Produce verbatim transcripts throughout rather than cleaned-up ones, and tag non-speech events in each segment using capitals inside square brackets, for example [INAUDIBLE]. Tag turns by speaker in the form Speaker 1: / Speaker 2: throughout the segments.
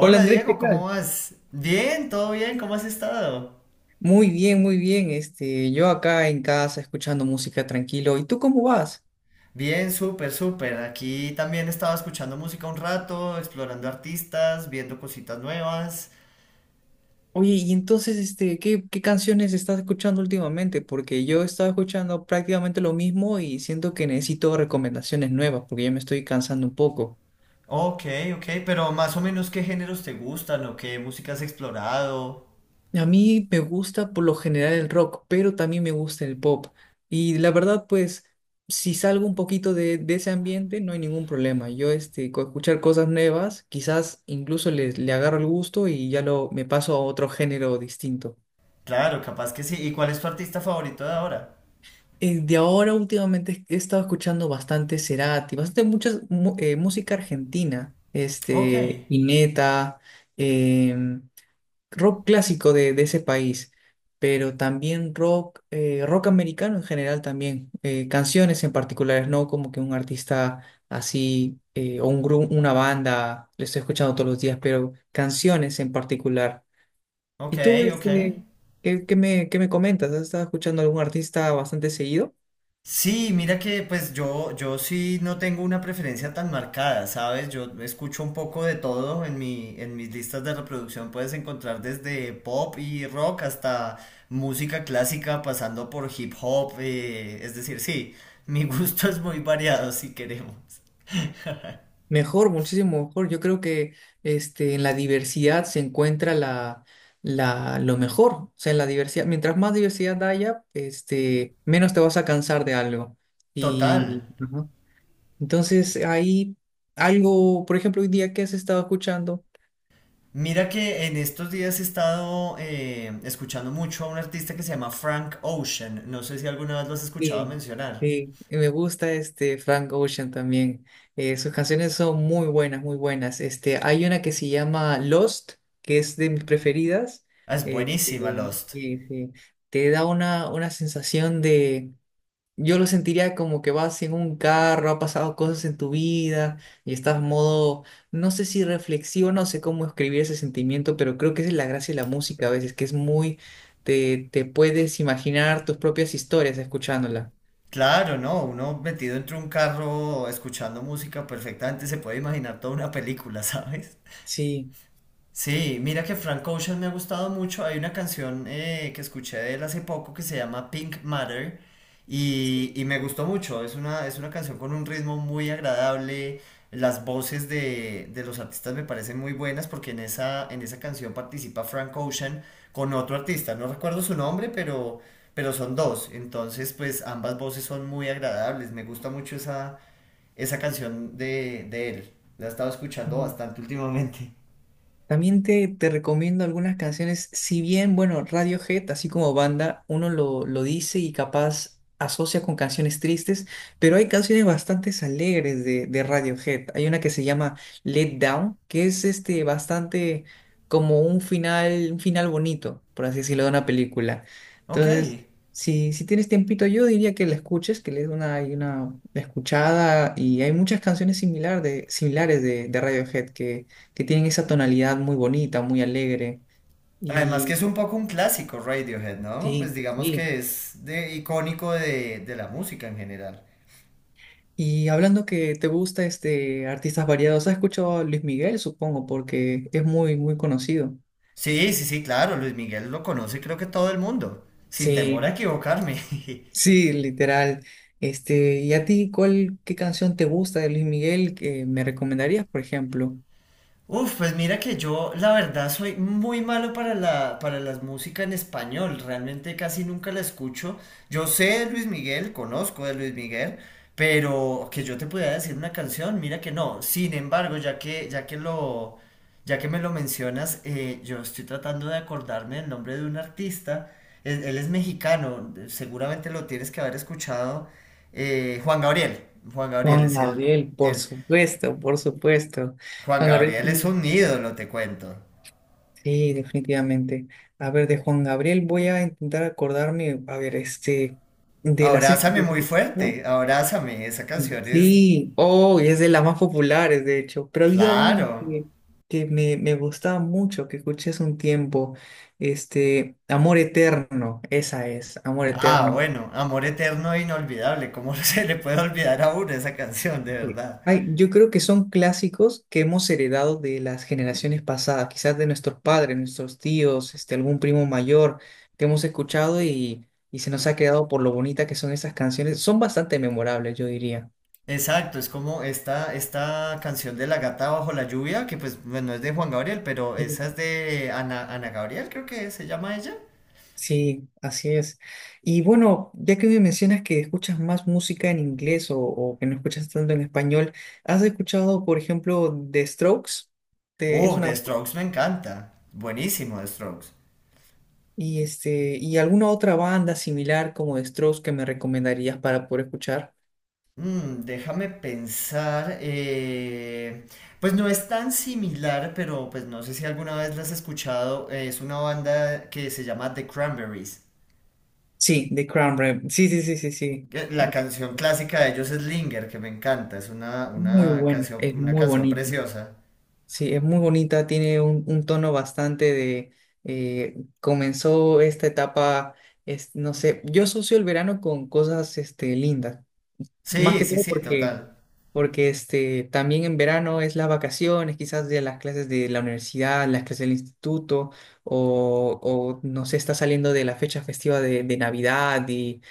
Speaker 1: Hola Andrés, ¿qué
Speaker 2: Diego, ¿cómo
Speaker 1: tal?
Speaker 2: vas? Bien, todo bien, ¿cómo has estado?
Speaker 1: Muy bien, muy bien. Este, yo acá en casa escuchando música tranquilo. ¿Y tú cómo vas?
Speaker 2: Bien, súper, súper. Aquí también estaba escuchando música un rato, explorando artistas, viendo cositas nuevas.
Speaker 1: Oye, y entonces, este, ¿qué, qué canciones estás escuchando últimamente? Porque yo he estado escuchando prácticamente lo mismo y siento que necesito recomendaciones nuevas porque ya me estoy cansando un poco.
Speaker 2: Ok, ok, pero más o menos qué géneros te gustan o qué música has explorado.
Speaker 1: A mí me gusta por lo general el rock, pero también me gusta el pop. Y la verdad, pues, si salgo un poquito de, de ese ambiente, no hay ningún problema. Yo, este, con escuchar cosas nuevas, quizás incluso le, le agarro el gusto y ya lo, me paso a otro género distinto.
Speaker 2: Claro, capaz que sí. ¿Y cuál es tu artista favorito de ahora?
Speaker 1: Eh, de ahora, últimamente, he estado escuchando bastante Cerati, bastante muchas eh, música argentina,
Speaker 2: Ok,
Speaker 1: este, Ineta rock clásico de, de ese país, pero también rock, eh, rock americano en general también, eh, canciones en particulares, no como que un artista así eh, o un grupo, una banda, lo estoy escuchando todos los días, pero canciones en particular.
Speaker 2: ok,
Speaker 1: ¿Y tú,
Speaker 2: ok.
Speaker 1: este, qué, qué me, qué me comentas? ¿Has estado escuchando algún artista bastante seguido?
Speaker 2: Sí, mira que pues yo, yo sí no tengo una preferencia tan marcada, ¿sabes? Yo escucho un poco de todo en mi, en mis listas de reproducción puedes encontrar desde pop y rock hasta música clásica pasando por hip hop, eh, es decir, sí, mi gusto [LAUGHS] es muy variado si queremos.
Speaker 1: Mejor, muchísimo mejor. Yo creo que este, en la diversidad se encuentra la, la, lo mejor. O sea, en la diversidad, mientras más diversidad haya, este, menos te vas a cansar de algo.
Speaker 2: Total.
Speaker 1: Y ujú, entonces ahí algo, por ejemplo, hoy día que has estado escuchando.
Speaker 2: Mira que en estos días he estado eh, escuchando mucho a un artista que se llama Frank Ocean, no sé si alguna vez lo has escuchado
Speaker 1: Sí,
Speaker 2: mencionar.
Speaker 1: sí, y me gusta este Frank Ocean también. Eh, sus canciones son muy buenas, muy buenas. Este, hay una que se llama Lost, que es de mis preferidas.
Speaker 2: Ah, es
Speaker 1: Eh,
Speaker 2: buenísima
Speaker 1: eh,
Speaker 2: Lost.
Speaker 1: sí, sí. Te da una, una sensación de... Yo lo sentiría como que vas en un carro, ha pasado cosas en tu vida y estás modo, no sé si reflexivo, no sé cómo escribir ese sentimiento, pero creo que esa es la gracia de la música a veces, que es muy, te, te puedes imaginar tus propias historias escuchándola.
Speaker 2: Claro, no, uno metido entre un carro escuchando música perfectamente se puede imaginar toda una película, [LAUGHS] ¿sabes?
Speaker 1: Sí.
Speaker 2: Sí, mira que Frank Ocean me ha gustado mucho. Hay una canción eh, que escuché de él hace poco que se llama Pink Matter y, y me gustó mucho. Es una, es una canción con un ritmo muy agradable. Las voces de, de los artistas me parecen muy buenas porque en esa, en esa canción participa Frank Ocean con otro artista. No recuerdo su nombre, pero, pero son dos. Entonces, pues ambas voces son muy agradables. Me gusta mucho esa, esa canción de, de él. La he estado escuchando
Speaker 1: Mm.
Speaker 2: bastante últimamente.
Speaker 1: También te, te recomiendo algunas canciones, si bien, bueno, Radiohead, así como banda, uno lo, lo dice y capaz asocia con canciones tristes, pero hay canciones bastante alegres de, de Radiohead. Hay una que se llama Let Down, que es este bastante como un final, un final bonito, por así decirlo, de una película.
Speaker 2: Ok.
Speaker 1: Entonces, si, si tienes tiempito, yo diría que la escuches, que le des una, y una escuchada, y hay muchas canciones similar de, similares de, de Radiohead que que tienen esa tonalidad muy bonita, muy alegre.
Speaker 2: Además que
Speaker 1: Y
Speaker 2: es un poco un clásico Radiohead, ¿no? Pues
Speaker 1: sí,
Speaker 2: digamos
Speaker 1: sí,
Speaker 2: que es de, icónico de, de la música en general.
Speaker 1: y hablando que te gusta este artistas variados, ¿has escuchado a Luis Miguel, supongo? Porque es muy, muy conocido.
Speaker 2: Sí, sí, sí, claro, Luis Miguel lo conoce creo que todo el mundo, sin temor
Speaker 1: Sí,
Speaker 2: a equivocarme. [LAUGHS]
Speaker 1: sí, literal. Este, ¿y a ti cuál, qué canción te gusta de Luis Miguel que me recomendarías, por ejemplo?
Speaker 2: Uf, pues mira que yo la verdad soy muy malo para la, para las músicas en español, realmente casi nunca la escucho. Yo sé de Luis Miguel, conozco de Luis Miguel, pero que yo te pudiera decir una canción, mira que no. Sin embargo, ya que, ya que lo, ya que me lo mencionas, eh, yo estoy tratando de acordarme del nombre de un artista. Él, él es mexicano, seguramente lo tienes que haber escuchado. eh, Juan Gabriel, Juan Gabriel
Speaker 1: Juan
Speaker 2: es el,
Speaker 1: Gabriel, por
Speaker 2: el
Speaker 1: supuesto, por supuesto.
Speaker 2: Juan
Speaker 1: Juan Gabriel.
Speaker 2: Gabriel es un ídolo, te cuento.
Speaker 1: Sí, definitivamente. A ver, de Juan Gabriel voy a intentar acordarme, a ver, este, de las... ex-
Speaker 2: Abrázame muy
Speaker 1: de- ¿no?
Speaker 2: fuerte, abrázame, esa
Speaker 1: Y
Speaker 2: canción es,
Speaker 1: sí, oh, y es de las más populares, de hecho, pero había una
Speaker 2: claro.
Speaker 1: que, que me, me gustaba mucho, que escuché hace un tiempo, este, Amor Eterno, esa es, Amor
Speaker 2: Ah,
Speaker 1: Eterno.
Speaker 2: bueno, Amor Eterno e Inolvidable, ¿cómo [LAUGHS] se le puede olvidar a uno esa canción, de
Speaker 1: Sí.
Speaker 2: verdad?
Speaker 1: Ay, yo creo que son clásicos que hemos heredado de las generaciones pasadas, quizás de nuestros padres, nuestros tíos, este, algún primo mayor que hemos escuchado y, y se nos ha quedado por lo bonita que son esas canciones. Son bastante memorables, yo diría.
Speaker 2: Exacto, es como esta, esta canción de La Gata Bajo la Lluvia, que pues bueno, es de Juan Gabriel, pero
Speaker 1: Sí,
Speaker 2: esa es de Ana, Ana Gabriel, creo que se llama ella.
Speaker 1: sí, así es. Y bueno, ya que me mencionas que escuchas más música en inglés o, o que no escuchas tanto en español, ¿has escuchado, por ejemplo, The Strokes? Te- es
Speaker 2: Uh,
Speaker 1: una
Speaker 2: The
Speaker 1: banda.
Speaker 2: Strokes me encanta, buenísimo The Strokes.
Speaker 1: Y este, ¿y alguna otra banda similar como de Strokes que me recomendarías para poder escuchar?
Speaker 2: Mm, déjame pensar. Eh, pues no es tan similar, pero pues no sé si alguna vez la has escuchado. Eh, es una banda que se llama The Cranberries.
Speaker 1: Sí, The Crown Rem. Sí, sí, sí, sí, sí.
Speaker 2: Que La
Speaker 1: De-
Speaker 2: canción clásica de ellos es Linger, que me encanta. Es una,
Speaker 1: Muy
Speaker 2: una
Speaker 1: buena,
Speaker 2: canción,
Speaker 1: es
Speaker 2: una
Speaker 1: muy
Speaker 2: canción
Speaker 1: bonita.
Speaker 2: preciosa.
Speaker 1: Sí, es muy bonita, tiene un, un tono bastante de eh, comenzó esta etapa, es, no sé, yo asocio el verano con cosas este, lindas. Más
Speaker 2: Sí,
Speaker 1: que
Speaker 2: sí,
Speaker 1: todo
Speaker 2: sí,
Speaker 1: porque,
Speaker 2: total.
Speaker 1: porque este, también en verano es las vacaciones, quizás de las clases de la universidad, las clases del instituto, o, o no sé, está saliendo de la fecha festiva de, de Navidad y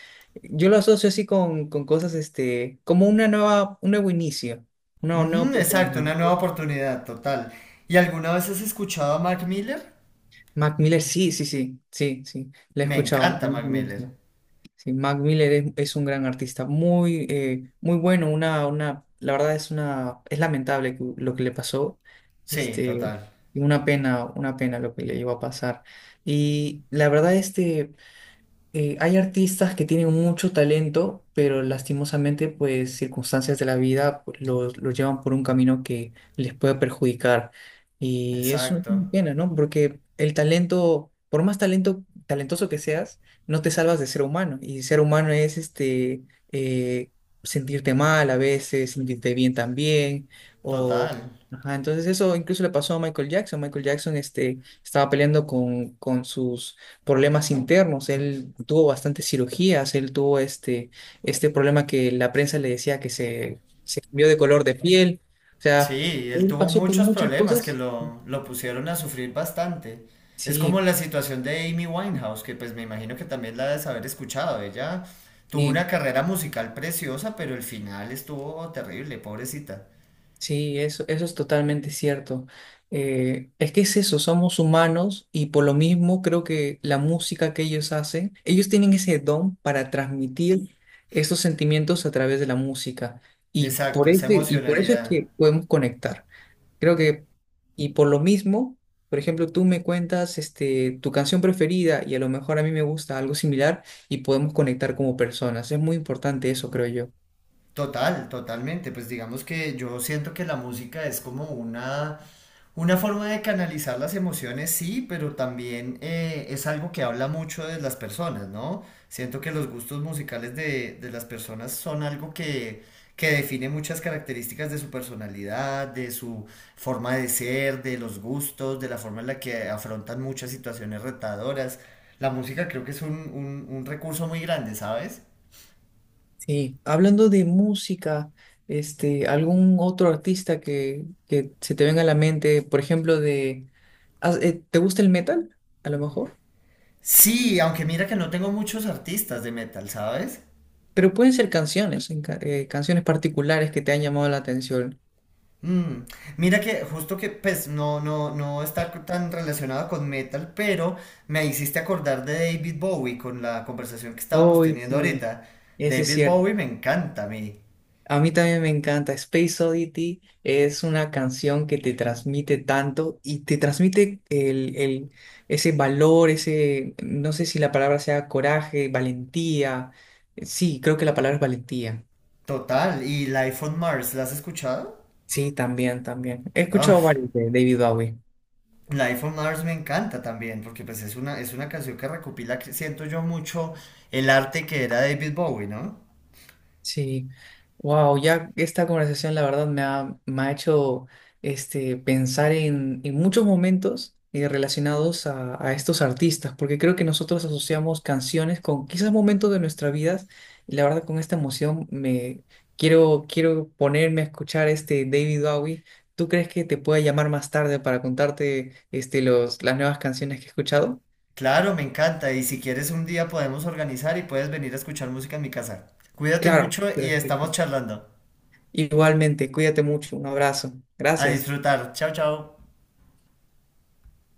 Speaker 1: yo lo asocio así con, con cosas, este, como una nueva, un nuevo inicio, una nueva
Speaker 2: Ujú, exacto,
Speaker 1: oportunidad,
Speaker 2: una
Speaker 1: ¿no?
Speaker 2: nueva oportunidad, total. ¿Y alguna vez has escuchado a Mac Miller?
Speaker 1: Mac Miller, sí, sí, sí, sí, sí, la he
Speaker 2: Me
Speaker 1: escuchado,
Speaker 2: encanta
Speaker 1: también
Speaker 2: Mac
Speaker 1: me
Speaker 2: Miller.
Speaker 1: gusta. Sí, Mac Miller es, es un gran artista, muy, eh, muy bueno, una, una, la verdad es una, es lamentable que- lo que le pasó,
Speaker 2: Sí,
Speaker 1: este,
Speaker 2: total.
Speaker 1: y una pena, una pena lo que le iba a pasar. Y la verdad, este, eh, hay artistas que tienen mucho talento, pero lastimosamente, pues circunstancias de la vida pues, los, los llevan por un camino que les puede perjudicar. Y eso es una
Speaker 2: Exacto.
Speaker 1: pena, ¿no? Porque el talento, por más talento, talentoso que seas, no te salvas de ser humano. Y ser humano es este, eh, sentirte mal a veces, sentirte bien también,
Speaker 2: Total.
Speaker 1: o... ajá, entonces eso incluso le pasó a Michael Jackson. Michael Jackson este, estaba peleando con, con sus problemas internos, él tuvo bastantes cirugías, él tuvo este, este problema que la prensa le decía que se, se cambió de color de piel, o sea,
Speaker 2: Sí, él
Speaker 1: él
Speaker 2: tuvo
Speaker 1: pasó por
Speaker 2: muchos
Speaker 1: muchas
Speaker 2: problemas que
Speaker 1: cosas.
Speaker 2: lo, lo pusieron a sufrir bastante. Es como
Speaker 1: Sí,
Speaker 2: la situación de Amy Winehouse, que pues me imagino que también la debes haber escuchado. Ella tuvo una
Speaker 1: sí,
Speaker 2: carrera musical preciosa, pero el final estuvo terrible, pobrecita.
Speaker 1: sí, eso, eso es totalmente cierto. Eh, es que es eso, somos humanos y por lo mismo creo que la música que ellos hacen, ellos tienen ese don para transmitir esos sentimientos a través de la música y
Speaker 2: Exacto,
Speaker 1: por
Speaker 2: esa
Speaker 1: ese, y por eso es
Speaker 2: emocionalidad.
Speaker 1: que podemos conectar. Creo que, y por lo mismo, por ejemplo, tú me cuentas este, tu canción preferida y a lo mejor a mí me gusta algo similar y podemos conectar como personas. Es muy importante eso, creo yo.
Speaker 2: Total, totalmente. Pues digamos que yo siento que la música es como una, una forma de canalizar las emociones, sí, pero también eh, es algo que habla mucho de las personas, ¿no? Siento que los gustos musicales de, de las personas son algo que, que define muchas características de su personalidad, de su forma de ser, de los gustos, de la forma en la que afrontan muchas situaciones retadoras. La música creo que es un, un un recurso muy grande, ¿sabes?
Speaker 1: Sí, hablando de música, este, algún otro artista que, que se te venga a la mente, por ejemplo, de, ah, eh, ¿te gusta el metal? A lo mejor.
Speaker 2: Sí, aunque mira que no tengo muchos artistas de metal, ¿sabes?
Speaker 1: Pero pueden ser canciones, en ca- eh, canciones particulares que te han llamado la atención.
Speaker 2: Mm, mira que justo que pues no, no, no está tan relacionado con metal, pero me hiciste acordar de David Bowie con la conversación que estábamos
Speaker 1: Oh,
Speaker 2: teniendo
Speaker 1: sí,
Speaker 2: ahorita.
Speaker 1: ese es
Speaker 2: David
Speaker 1: cierto.
Speaker 2: Bowie me encanta a mí.
Speaker 1: A mí también me encanta. Space Oddity es una canción que te transmite tanto y te transmite el, el- ese valor, ese, no sé si la palabra sea coraje, valentía. Sí, creo que la palabra es valentía.
Speaker 2: Total. ¿Y Life on Mars? ¿La has escuchado?
Speaker 1: Sí, también, también. He escuchado
Speaker 2: Uf,
Speaker 1: varios de David Bowie.
Speaker 2: Life on Mars me encanta también, porque pues es una, es una canción que recopila, que siento yo mucho, el arte que era David Bowie, ¿no?
Speaker 1: Sí, wow, ya esta conversación la verdad me ha, me ha hecho este, pensar en, en muchos momentos eh, relacionados a, a estos artistas, porque creo que nosotros asociamos canciones con quizás momentos de nuestra vida, y la verdad con esta emoción me quiero, quiero ponerme a escuchar este David Bowie. ¿Tú crees que te pueda llamar más tarde para contarte este, los, las nuevas canciones que he escuchado?
Speaker 2: Claro, me encanta. Y si quieres un día podemos organizar y puedes venir a escuchar música en mi casa. Cuídate
Speaker 1: Claro,
Speaker 2: mucho y
Speaker 1: perfecto.
Speaker 2: estamos charlando.
Speaker 1: Igualmente, cuídate mucho, un abrazo,
Speaker 2: A
Speaker 1: gracias.
Speaker 2: disfrutar. Chao, chao.